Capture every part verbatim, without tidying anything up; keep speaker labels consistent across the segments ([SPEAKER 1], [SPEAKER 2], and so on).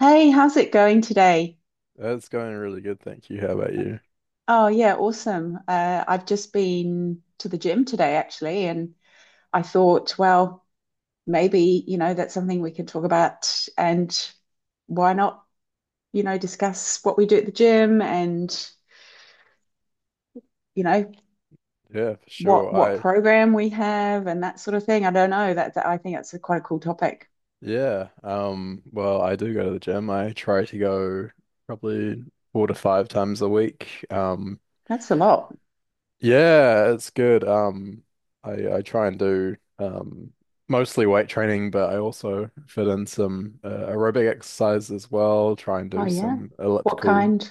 [SPEAKER 1] Hey, how's it going today?
[SPEAKER 2] That's going really good, thank you. How about you?
[SPEAKER 1] Oh, yeah, awesome. Uh, I've just been to the gym today, actually, and I thought, well, maybe, you know, that's something we can talk about, and why not, you know, discuss what we do at the gym and, you know,
[SPEAKER 2] Yeah, for
[SPEAKER 1] what
[SPEAKER 2] sure.
[SPEAKER 1] what
[SPEAKER 2] I
[SPEAKER 1] program we have and that sort of thing. I don't know. That, that I think that's a quite a cool topic.
[SPEAKER 2] yeah, um, well, I do go to the gym. I try to go probably four to five times a week. Um,
[SPEAKER 1] That's a lot.
[SPEAKER 2] yeah, it's good. Um, I I try and do um mostly weight training, but I also fit in some uh, aerobic exercise as well. Try and
[SPEAKER 1] Oh,
[SPEAKER 2] do
[SPEAKER 1] yeah.
[SPEAKER 2] some
[SPEAKER 1] What
[SPEAKER 2] elliptical
[SPEAKER 1] kind?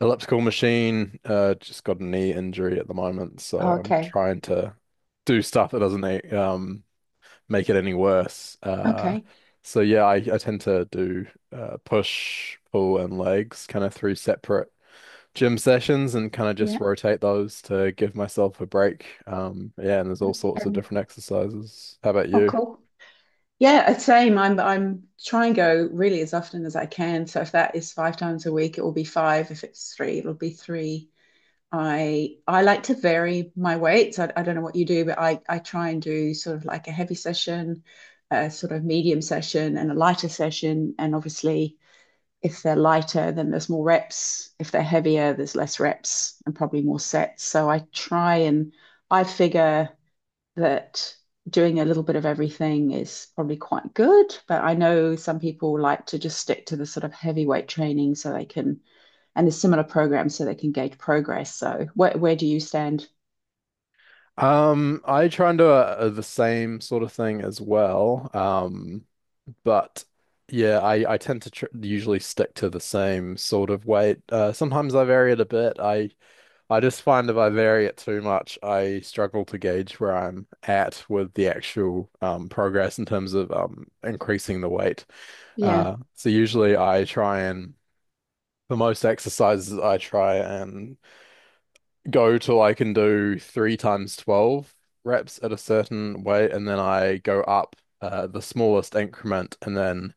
[SPEAKER 2] elliptical machine. Uh, just got a knee injury at the moment, so
[SPEAKER 1] Oh,
[SPEAKER 2] I'm
[SPEAKER 1] okay.
[SPEAKER 2] trying to do stuff that doesn't um make it any worse. Uh,
[SPEAKER 1] Okay.
[SPEAKER 2] so yeah, I, I tend to do uh, push, pull, and legs kind of through separate gym sessions and kind of
[SPEAKER 1] Yeah.
[SPEAKER 2] just rotate those to give myself a break. Um, yeah, and there's all sorts of
[SPEAKER 1] And
[SPEAKER 2] different exercises. How about
[SPEAKER 1] oh,
[SPEAKER 2] you?
[SPEAKER 1] cool. Yeah, same. I'm I'm try and go really as often as I can. So if that is five times a week, it will be five. If it's three, it'll be three. I I like to vary my weights. I, I don't know what you do, but I, I try and do sort of like a heavy session, a sort of medium session, and a lighter session. And obviously, if they're lighter, then there's more reps. If they're heavier, there's less reps and probably more sets. So I try and I figure that doing a little bit of everything is probably quite good. But I know some people like to just stick to the sort of heavyweight training so they can, and there's similar programs so they can gauge progress. So where where do you stand?
[SPEAKER 2] Um, I try and do a, a- the same sort of thing as well. Um, but yeah, I, I tend to tr usually stick to the same sort of weight. Uh, sometimes I vary it a bit. I I just find if I vary it too much, I struggle to gauge where I'm at with the actual um, progress in terms of um, increasing the weight.
[SPEAKER 1] Yeah,
[SPEAKER 2] Uh, so usually I try and for most exercises I try and go till I can do three times twelve reps at a certain weight, and then I go up uh, the smallest increment and then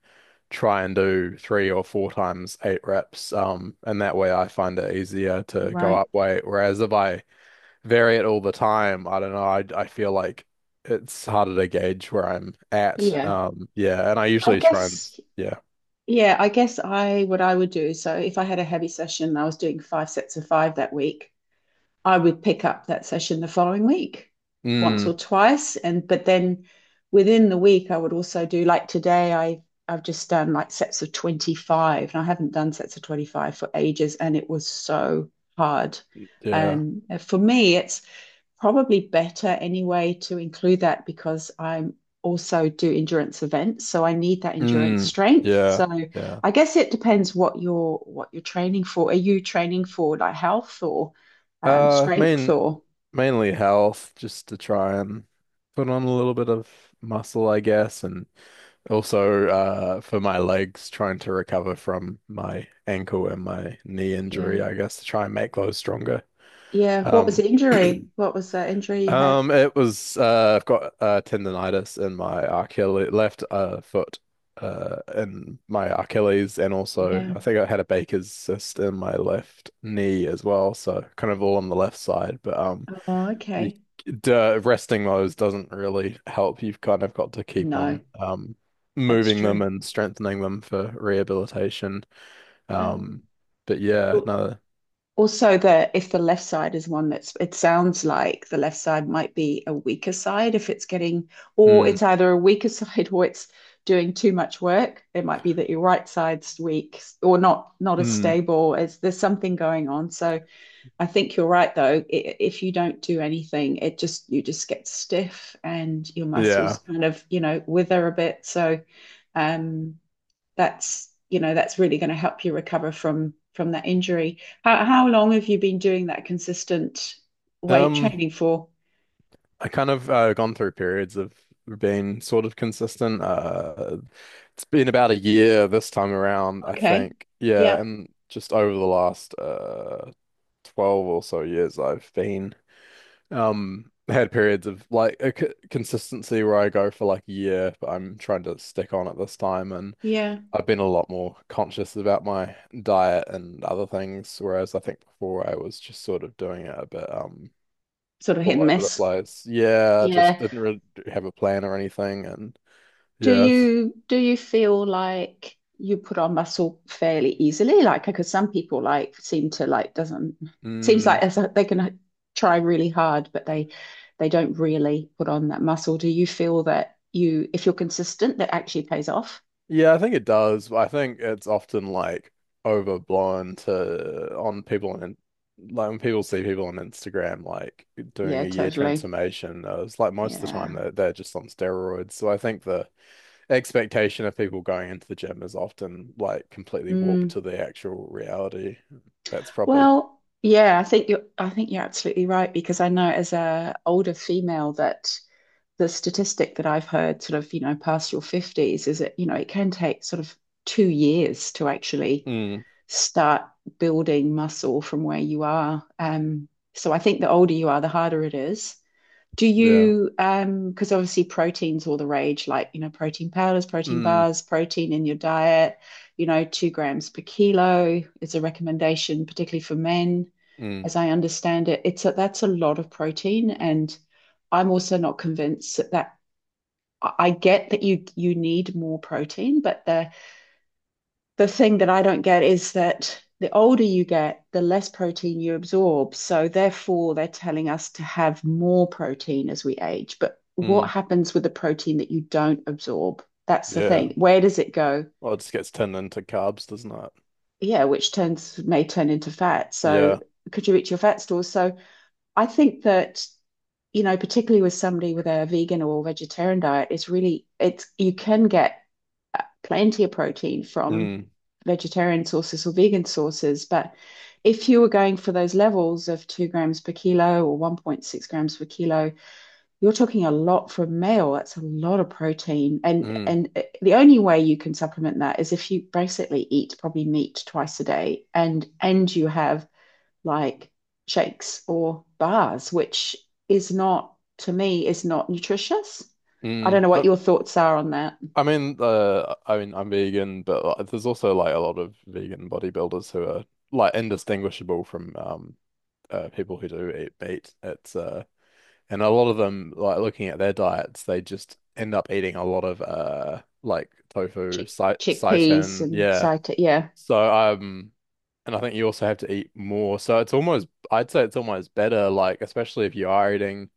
[SPEAKER 2] try and do three or four times eight reps. Um, and that way I find it easier to go
[SPEAKER 1] right.
[SPEAKER 2] up weight. Whereas if I vary it all the time. I don't know. I I feel like it's harder to gauge where I'm at.
[SPEAKER 1] Yeah.
[SPEAKER 2] Um, yeah, and I
[SPEAKER 1] I
[SPEAKER 2] usually try and
[SPEAKER 1] guess
[SPEAKER 2] yeah.
[SPEAKER 1] yeah, I guess I what I would do, so if I had a heavy session, I was doing five sets of five that week. I would pick up that session the following week, once or
[SPEAKER 2] Mm,
[SPEAKER 1] twice, and but then within the week I would also do like today I I've just done like sets of twenty-five and I haven't done sets of twenty-five for ages and it was so hard.
[SPEAKER 2] yeah.
[SPEAKER 1] Um, for me, it's probably better anyway to include that because I'm also do endurance events, so I need that endurance
[SPEAKER 2] Mm,
[SPEAKER 1] strength.
[SPEAKER 2] yeah.
[SPEAKER 1] So
[SPEAKER 2] Yeah.
[SPEAKER 1] I guess it depends what you're what you're training for. Are you training for like health or um,
[SPEAKER 2] Uh,
[SPEAKER 1] strength
[SPEAKER 2] main
[SPEAKER 1] or
[SPEAKER 2] Mainly health, just to try and put on a little bit of muscle, I guess, and also uh for my legs, trying to recover from my ankle and my knee injury,
[SPEAKER 1] yeah?
[SPEAKER 2] I guess, to try and make those stronger.
[SPEAKER 1] yeah? What was
[SPEAKER 2] Um.
[SPEAKER 1] the injury? What was the injury you had?
[SPEAKER 2] Um, it was uh, I've got uh, tendonitis in my Achilles left uh, foot, uh, in my Achilles, and also
[SPEAKER 1] Yeah.
[SPEAKER 2] I think I had a Baker's cyst in my left knee as well. So kind of all on the left side, but um,
[SPEAKER 1] Mhm. Oh,
[SPEAKER 2] the
[SPEAKER 1] okay.
[SPEAKER 2] the resting those doesn't really help. You've kind of got to keep
[SPEAKER 1] No,
[SPEAKER 2] on um
[SPEAKER 1] that's
[SPEAKER 2] moving them
[SPEAKER 1] true.
[SPEAKER 2] and strengthening them for rehabilitation.
[SPEAKER 1] Um,
[SPEAKER 2] Um, but yeah, no,
[SPEAKER 1] Also, the if the left side is one that's it sounds like the left side might be a weaker side if it's getting or
[SPEAKER 2] mm,
[SPEAKER 1] it's either a weaker side or it's doing too much work. It might be that your right side's weak or not not as
[SPEAKER 2] mm,
[SPEAKER 1] stable as there's something going on. So I think you're right though. If you don't do anything, it just you just get stiff and your muscles
[SPEAKER 2] yeah.
[SPEAKER 1] kind of, you know, wither a bit. So um that's you know that's really going to help you recover from from that injury. How how long have you been doing that consistent weight
[SPEAKER 2] Um.
[SPEAKER 1] training for?
[SPEAKER 2] I kind of uh, gone through periods of being sort of consistent. Uh, it's been about a year this time around, I
[SPEAKER 1] Okay.
[SPEAKER 2] think. Yeah,
[SPEAKER 1] Yeah.
[SPEAKER 2] and just over the last uh twelve or so years, I've been um had periods of like a c consistency where I go for like a year, but I'm trying to stick on it this time, and
[SPEAKER 1] Yeah.
[SPEAKER 2] I've been a lot more conscious about my diet and other things, whereas I think before I was just sort of doing it a bit um
[SPEAKER 1] Sort of hit
[SPEAKER 2] all
[SPEAKER 1] and
[SPEAKER 2] over the
[SPEAKER 1] miss.
[SPEAKER 2] place. Yeah, just
[SPEAKER 1] Yeah.
[SPEAKER 2] didn't really have a plan or anything. And
[SPEAKER 1] Do
[SPEAKER 2] yes,
[SPEAKER 1] you do you feel like you put on muscle fairly easily? Like because some people like seem to like doesn't seems
[SPEAKER 2] mm,
[SPEAKER 1] like they can try really hard, but they they don't really put on that muscle. Do you feel that you if you're consistent that actually pays off?
[SPEAKER 2] yeah, I think it does. I think it's often like overblown to on people and like when people see people on Instagram like doing
[SPEAKER 1] Yeah,
[SPEAKER 2] a year
[SPEAKER 1] totally.
[SPEAKER 2] transformation, uh, it's like most of the time
[SPEAKER 1] Yeah.
[SPEAKER 2] they're, they're just on steroids. So I think the expectation of people going into the gym is often like completely warped
[SPEAKER 1] Mm.
[SPEAKER 2] to the actual reality. That's probably,
[SPEAKER 1] Well, yeah, I think you're I think you're absolutely right because I know as a older female that the statistic that I've heard sort of, you know, past your fifties is that, you know, it can take sort of two years to actually
[SPEAKER 2] mm,
[SPEAKER 1] start building muscle from where you are. Um, so I think the older you are, the harder it is. Do
[SPEAKER 2] yeah,
[SPEAKER 1] you, um, because obviously protein's all the rage, like, you know, protein powders, protein
[SPEAKER 2] mm,
[SPEAKER 1] bars, protein in your diet, you know, two grams per kilo is a recommendation, particularly for men,
[SPEAKER 2] mm,
[SPEAKER 1] as I understand it. It's a, that's a lot of protein, and I'm also not convinced that, that I get that you you need more protein, but the the thing that I don't get is that the older you get, the less protein you absorb. So therefore, they're telling us to have more protein as we age. But what
[SPEAKER 2] mm,
[SPEAKER 1] happens with the protein that you don't absorb? That's the thing.
[SPEAKER 2] yeah.
[SPEAKER 1] Where does it go?
[SPEAKER 2] Well, it just gets turned into carbs, doesn't it?
[SPEAKER 1] Yeah, which turns may turn into fat. So
[SPEAKER 2] Yeah.
[SPEAKER 1] could you reach your fat stores? So I think that you know, particularly with somebody with a vegan or vegetarian diet, it's really it's you can get plenty of protein from
[SPEAKER 2] Mm,
[SPEAKER 1] vegetarian sources or vegan sources. But if you were going for those levels of two grams per kilo or one point six grams per kilo, you're talking a lot for a male. That's a lot of protein. And
[SPEAKER 2] mm,
[SPEAKER 1] and the only way you can supplement that is if you basically eat probably meat twice a day and and you have like shakes or bars, which is not, to me, is not nutritious. I don't
[SPEAKER 2] mm.
[SPEAKER 1] know what
[SPEAKER 2] I,
[SPEAKER 1] your thoughts are on that.
[SPEAKER 2] I mean, uh, I mean, I'm vegan, but like, there's also like a lot of vegan bodybuilders who are like indistinguishable from um uh, people who do eat meat. It's uh, and a lot of them like looking at their diets, they just end up eating a lot of uh like tofu,
[SPEAKER 1] Chick
[SPEAKER 2] sai
[SPEAKER 1] chickpeas
[SPEAKER 2] seitan,
[SPEAKER 1] and
[SPEAKER 2] yeah.
[SPEAKER 1] sita, yeah,
[SPEAKER 2] So um. And I think you also have to eat more. So it's almost, I'd say it's almost better, like, especially if you are eating,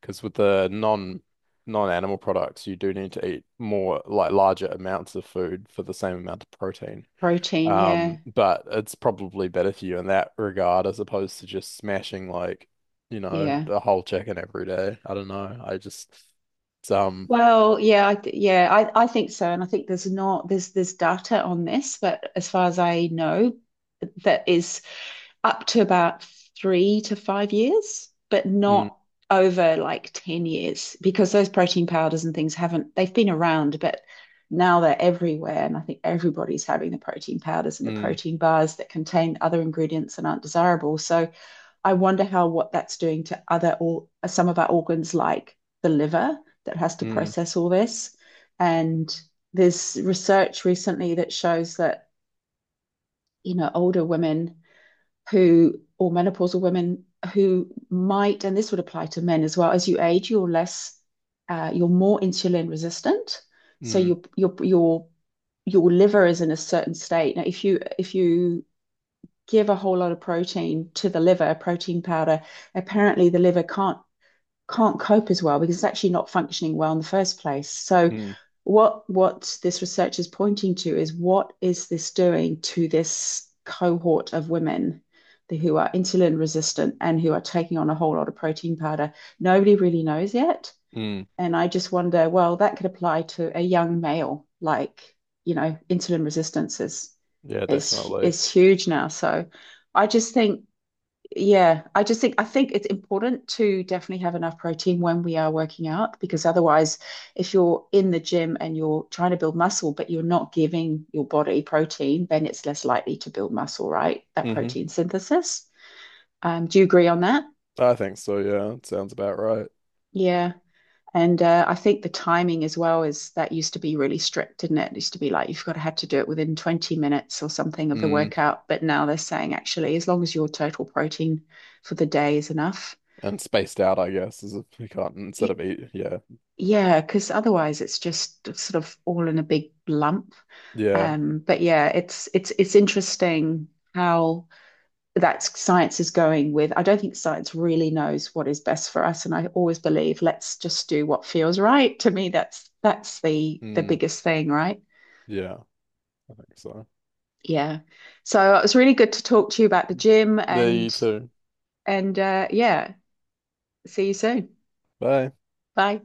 [SPEAKER 2] because with the non non-animal products, you do need to eat more, like larger amounts of food for the same amount of protein.
[SPEAKER 1] protein, yeah,
[SPEAKER 2] Um, but it's probably better for you in that regard as opposed to just smashing like, you know,
[SPEAKER 1] yeah.
[SPEAKER 2] a whole chicken every day. I don't know. I just, it's, um,
[SPEAKER 1] Well, yeah, I th- yeah, I, I think so, and I think there's not there's there's data on this, but as far as I know, that is up to about three to five years, but
[SPEAKER 2] Mm,
[SPEAKER 1] not over like ten years because those protein powders and things haven't, they've been around, but now they're everywhere. And I think everybody's having the protein powders and the
[SPEAKER 2] mm,
[SPEAKER 1] protein bars that contain other ingredients and aren't desirable. So I wonder how what that's doing to other or some of our organs like the liver that has to
[SPEAKER 2] mm,
[SPEAKER 1] process all this. And there's research recently that shows that, you know, older women who, or menopausal women who might, and this would apply to men as well, as you age, you're less, uh, you're more insulin resistant. So
[SPEAKER 2] mm,
[SPEAKER 1] your your your your liver is in a certain state. Now, if you if you give a whole lot of protein to the liver, protein powder, apparently the liver can't can't cope as well because it's actually not functioning well in the first place. So
[SPEAKER 2] mm,
[SPEAKER 1] what what this research is pointing to is what is this doing to this cohort of women who are insulin resistant and who are taking on a whole lot of protein powder. Nobody really knows yet.
[SPEAKER 2] mm.
[SPEAKER 1] And I just wonder, well, that could apply to a young male, like, you know, insulin resistance is
[SPEAKER 2] Yeah,
[SPEAKER 1] is
[SPEAKER 2] definitely.
[SPEAKER 1] is huge now. So I just think yeah, I just think I think it's important to definitely have enough protein when we are working out because otherwise, if you're in the gym and you're trying to build muscle, but you're not giving your body protein, then it's less likely to build muscle, right? That
[SPEAKER 2] Hmm.
[SPEAKER 1] protein synthesis. Um, do you agree on that?
[SPEAKER 2] I think so. Yeah, it sounds about right.
[SPEAKER 1] Yeah. And uh, I think the timing as well is that used to be really strict, didn't it? It used to be like you've got to have to do it within twenty minutes or something of the
[SPEAKER 2] Mm,
[SPEAKER 1] workout. But now they're saying actually, as long as your total protein for the day is enough.
[SPEAKER 2] and spaced out, I guess, is if you can't instead
[SPEAKER 1] Yeah.
[SPEAKER 2] of eat. Yeah.
[SPEAKER 1] Yeah, because otherwise it's just sort of all in a big lump.
[SPEAKER 2] Yeah.
[SPEAKER 1] Um, but yeah, it's it's it's interesting how that science is going with. I don't think science really knows what is best for us, and I always believe let's just do what feels right. To me, that's that's the the
[SPEAKER 2] Mm,
[SPEAKER 1] biggest thing, right?
[SPEAKER 2] yeah. I think so.
[SPEAKER 1] Yeah. So it was really good to talk to you about the gym
[SPEAKER 2] There you
[SPEAKER 1] and
[SPEAKER 2] too.
[SPEAKER 1] and uh, yeah, see you soon.
[SPEAKER 2] Bye.
[SPEAKER 1] Bye.